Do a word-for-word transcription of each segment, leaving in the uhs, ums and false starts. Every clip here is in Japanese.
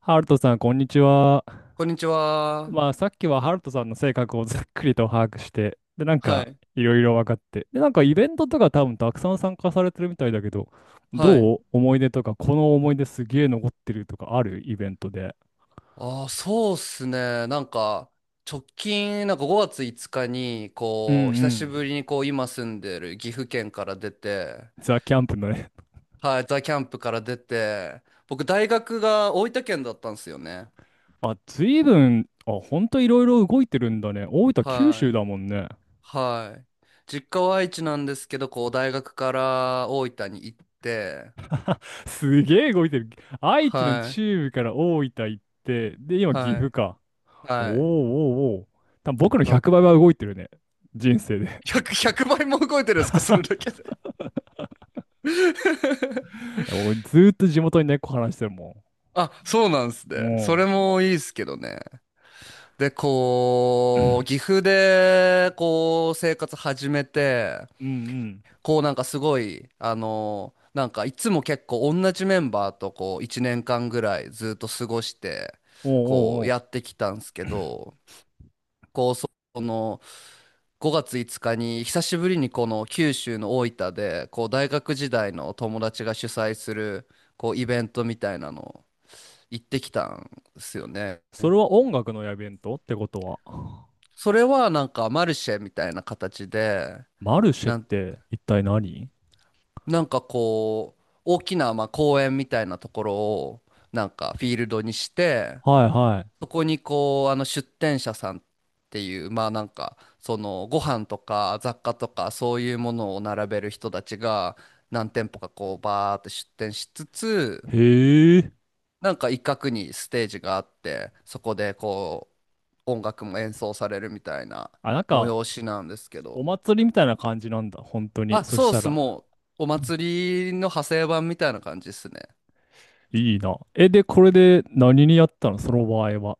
ハルトさん、こんにちは。こんにちは。まあ、さっきはハルトさんの性格をざっくりと把握して、で、なんはか、い。いろいろ分かって、で、なんか、イベントとか多分たくさん参加されてるみたいだけど、はい。どう思い出とか、この思い出すげえ残ってるとかあるイベントで。ああ、そうっすね。なんか、直近、なんかごがついつかに、うんうこう、久しぶん。りに、こう、今住んでる岐阜県から出て、ザ・キャンプのね。はい、ザ・キャンプから出て、僕、大学が大分県だったんですよね。あ、ずいぶん、あ、ほんといろいろ動いてるんだね。大分、九は州い。だもんね。はい。実家は愛知なんですけど、こう、大学から大分に行って、すげえ動いてる。愛知のは中部から大分行って、で、い。今、岐は阜い。か。おーはい。おーおー。多分僕のだ、ひゃくばいは動いてるね。人生で。ひゃく、ひゃくばいも動いてるんですか、それだけで。い や俺ずーっと地元に猫話してるもあ、そうなんすね。ん。そおれうもいいっすけどね。で、こう、岐阜で、こう、生活始めて、うんうん。こう、なんかすごい、あの、なんかいつも結構同じメンバーと、こう、いちねんかんぐらいずっと過ごして、おうこおうう、おう。やってきたんすけど、こう、そその、ごがついつかに、久しぶりにこの九州の大分で、こう、大学時代の友達が主催する、こう、イベントみたいなの、行ってきたんですよね。それは音楽のイベントってことは。それはなんかマルシェみたいな形で、マルシェっなん、て一体何。なんかこう、大きなまあ公園みたいなところをなんかフィールドにして、はいはそこにこう、あの出店者さんっていう、まあなんか、そのご飯とか雑貨とかそういうものを並べる人たちが何店舗かこうバーって出店しつつ、い。へえ。なんか一角にステージがあって、そこでこう、音楽も演奏されるみたいなあ、なんか、催しなんですけおど。祭りみたいな感じなんだ。本当に。あ、そしそうったす。ら、もう、お祭りの派生版みたいな感じですね。いいな。え、で、これで何にやったのその場合は。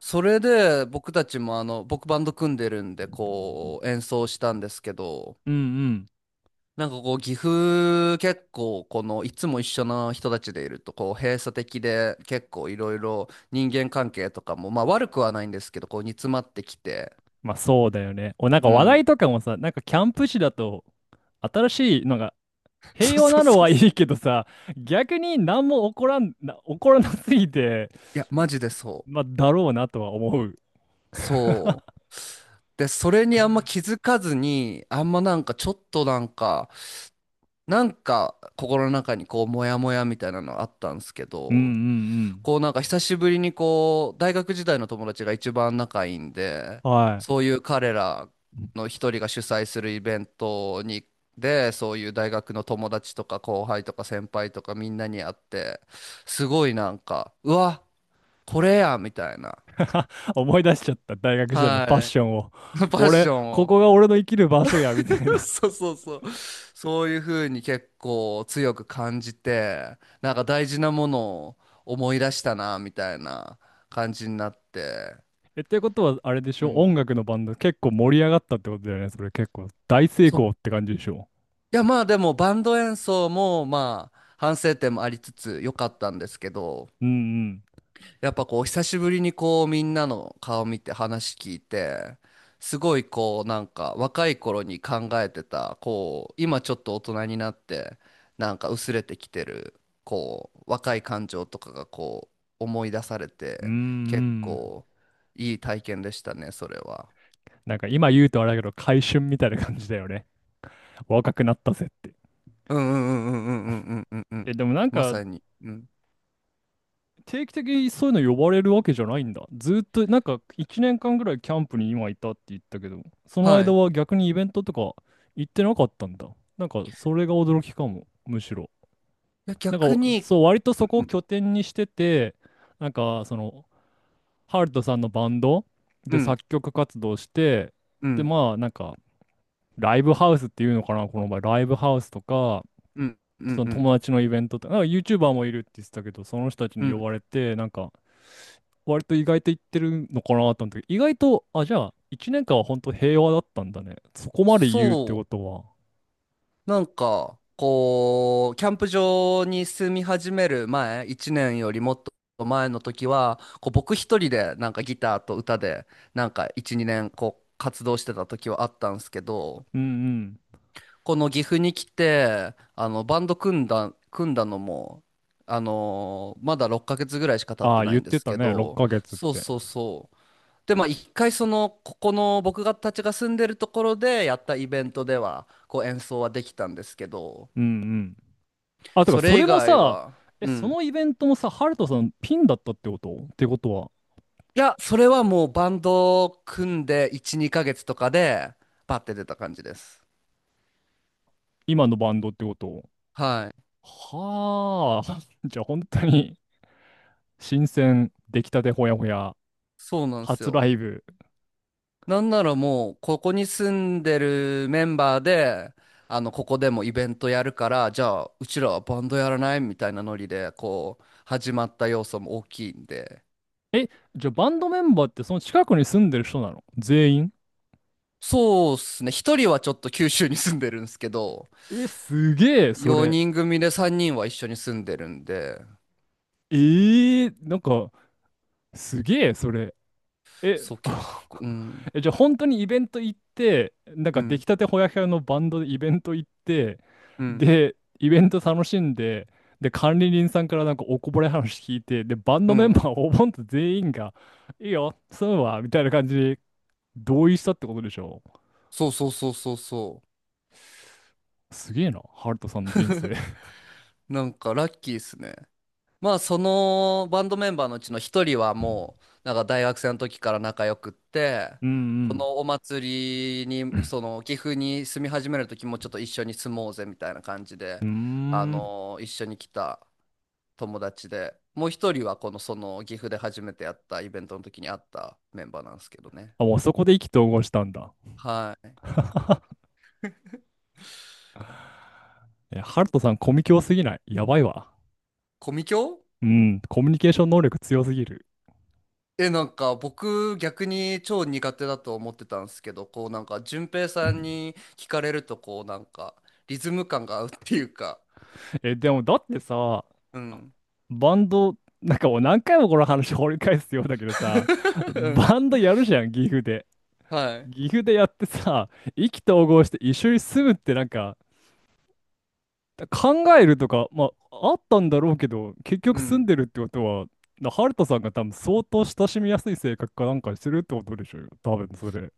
それで、僕たちもあの、僕バンド組んでるんで、こう、演奏したんですけど、うんうん。なんかこう、岐阜結構、この、いつも一緒の人たちでいると、こう、閉鎖的で、結構いろいろ人間関係とかも、まあ悪くはないんですけど、こう、煮詰まってきて、まあそうだよね。お、なんかう話ん。題とかもさ、なんかキャンプ地だと、新しいのが そう平和そうなのそうはいそいう。けどさ、逆に何も起こらん、な、起こらなすぎて、いや、マジでそまあ、だろうなとは思う。う。そう。で、それにあんま気づかずに、あんまなんかちょっとなんか、なんか心の中にこうモヤモヤみたいなのあったんですけうんうど、んこうなんか久しぶりにこう大学時代の友達が一番仲いいんで、うん。はそい。ういう彼らの一人が主催するイベントに、で、そういう大学の友達とか後輩とか先輩とかみんなに会って、すごいなんか、うわ、これやみたいな、思い出しちゃった、大学時代のパッはションを。い、パッこシれ、ョンこを。こが俺の生きる場所や、みたい な。そうそうそう。そういうふうに結構強く感じて、なんか大事なものを思い出したな、みたいな感じになって。え、ってことは、あれでしうょん。音楽のバンド結構盛り上がったってことだよね。それ結構大成そう。功って感じでしょ。いや、まあでもバンド演奏もまあ反省点もありつつ良かったんですけど、うんうん。やっぱこう久しぶりにこうみんなの顔見て話聞いて、すごいこうなんか若い頃に考えてた、こう今ちょっと大人になってなんか薄れてきてるこう若い感情とかがこう思い出されうんうて、結ん。構いい体験でしたねそれは。なんか今言うとあれだけど、回春みたいな感じだよね。若くなったぜって。うんうんうんうんうんうんうんうんうん、え、でもなんまか、さに。うん、定期的にそういうの呼ばれるわけじゃないんだ。ずーっと、なんかいちねんかんぐらいキャンプに今いたって言ったけど、そのは間い。はい逆にイベントとか行ってなかったんだ。なんかそれが驚きかも、むしろ。やなんか逆に、そう、割とそこうをん拠点にしてて、なんかその、ハルトさんのバンドうでん作曲活動して、うで、んまあなんか、ライブハウスっていうのかな、この場合、ライブハウスとか、うんうそんのうんう友ん達のイベントとか、なんか YouTuber もいるって言ってたけど、その人たちうに呼ん、ばれて、なんか、割と意外と言ってるのかなと思ったけど、意外と、あ、じゃあ、いちねんかんは本当平和だったんだね。そこまで言うってそう、ことは。なんか、こう、キャンプ場に住み始める前、いちねんよりもっと前の時は、こう僕一人でなんかギターと歌で、なんかいち、にねんこう活動してた時はあったんですけど、うんうん。この岐阜に来て、あの、バンド組んだ、組んだ、のも、あのーまだろっかげつぐらいしか経っあてあ、な言いっんでてすたけね、6ど、ヶ月っそうて。そうそう。で、まあ一回その、ここの僕がたちが住んでるところでやったイベントでは、こう演奏はできたんですけど、うんうん。あ、てか、そそれ以れも外さ、は、え、うそん。のイベントもさ、ハルトさんピンだったってことってことは、いや、それはもうバンドを組んでいち、にかげつとかで、バッて出た感じです。今のバンドってことはい。は。あ、じゃあ本当に新鮮、出来たてほやほや、そうなんです初ラよ。イブ。なんならもう、ここに住んでるメンバーで、あの、ここでもイベントやるから、じゃあ、うちらはバンドやらないみたいなノリで、こう、始まった要素も大きいんで。え、じゃあバンドメンバーってその近くに住んでる人なの全員。そうっすね。一人はちょっと九州に住んでるんですけど、え、すげえ、それ。よにん組でさんにんは一緒に住んでるんで、ええなんか、すげえ、それ。え、そう、結 構、うん。え、じゃあ本当にイベント行って、なんうか出来んたてほやほやのバンドでイベント行って、うん。で、イベント楽しんで、で、管理人さんからなんかおこぼれ話聞いて、で、バンうドメンん。バーおぼんと全員が、いいよ、そうは、みたいな感じで同意したってことでしょ。そうそうそうそうそう。すげえな、ハルトさんの人生。なんかラッキーですね。まあそのバンドメンバーのうちの一人はうんもうなんか大学生の時から仲良くって、うこん。のお祭りにその岐阜に住み始める時もちょっと一緒に住もうぜみたいな感じうで、ーあん。の一緒に来た友達で、もう一人はこのその岐阜で初めてやったイベントの時に会ったメンバーなんですけどね。あ、もうそこで意気投合したんだ。はい。え、ハルトさん、コミュ強すぎない。やばいわ。コミケ、うん、コミュニケーション能力強すぎる。え、なんか僕逆に超苦手だと思ってたんですけど、こうなんか順平さん に聞かれるとこうなんかリズム感が合うっていうか、え、でもだってさ、うん。バンド、なんかもう何回もこの話掘り返すようだけどさ、うバンん、ドやるじゃん、岐阜で。はい。岐阜でやってさ、意気投合して一緒に住むってなんか、考えるとか、まあ、あったんだろうけど、結う局住んん。でるってことは、なハルトさんが多分相当親しみやすい性格かなんかしてるってことでしょうよ、多分それ。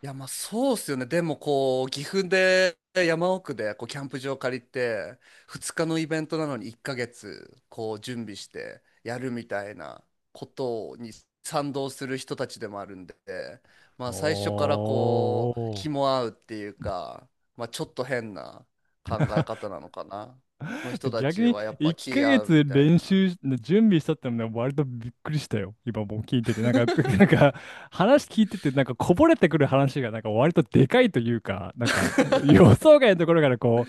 いや、まあそうっすよね。でもこう、岐阜で山奥でこうキャンプ場借りて、ふつかのイベントなのにいっかげつこう準備してやるみたいなことに賛同する人たちでもあるんで、まおあ最初からこう、気ー。も合うっていうか、まあちょっと変な考え方なのかな、ので、人た逆ちにはやっぱ1気ヶ合うみ月たい練な。習し、準備したってのはね割とびっくりしたよ。今もう聞いてて。なんか、なんか話聞いてて、なんかこぼれてくる話がなんか割とでかいというか、なんかえー 予 想外のところからこ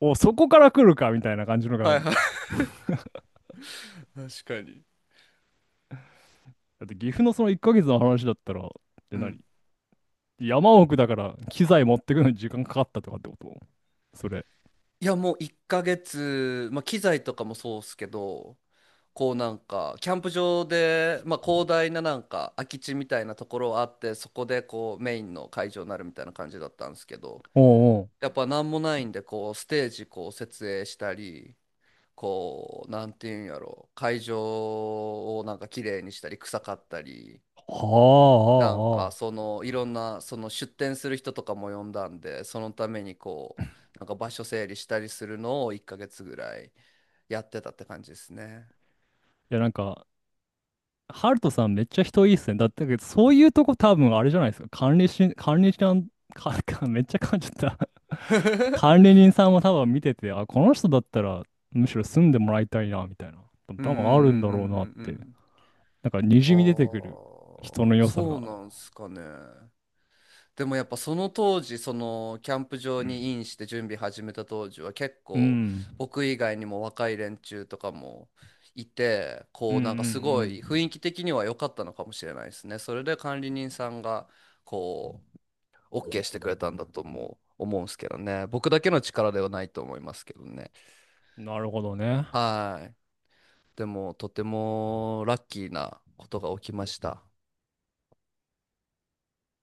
う、お、そこから来るかみたいな感じのが。はいはい。確かに。だって岐阜のそのいっかげつの話だったら、でう何ん。山奥だから機材持ってくのに時間かかったとかってことそれ。いや、もういっかげつ、まあ、機材とかもそうっすけど、こうなんかキャンプ場で、まあ、広大ななんか空き地みたいなところあって、そこでこうメインの会場になるみたいな感じだったんですけど、おうおう。やっぱ何もないんでこうステージこう設営したり、こうなんていうんやろ、会場をなんか綺麗にしたり臭かったり、はなんかあ、ああ、あそあ。のいろんなその出店する人とかも呼んだんで、そのためにこうなんか場所整理したりするのをいっかげつぐらいやってたって感じですね。いやなんか、ハルトさんめっちゃ人いいっすね。だってそういうとこ多分あれじゃないですか。管理し、管理しなん、か、かめっちゃ噛んじゃった 管 理人さんも多分見てて、あ、この人だったらむしろ住んでもらいたいな、みたいな。うんうん多う分あるんだろうなっんうんうんうて。ん。なんかああ、滲み出てくる人の良さそが。うなんすかね。でもやっぱその当時、そのキャンプ場にインして準備始めた当時は結う構、ん。僕以外にも若い連中とかもいて、うんこううんうなんかすごい雰ん。囲気的には良かったのかもしれないですね。それで管理人さんがこう オーケー してくれたんだとも思うんすけどね。僕だけの力ではないと思いますけどね。なるほどね。はい。でもとてもラッキーなことが起きました。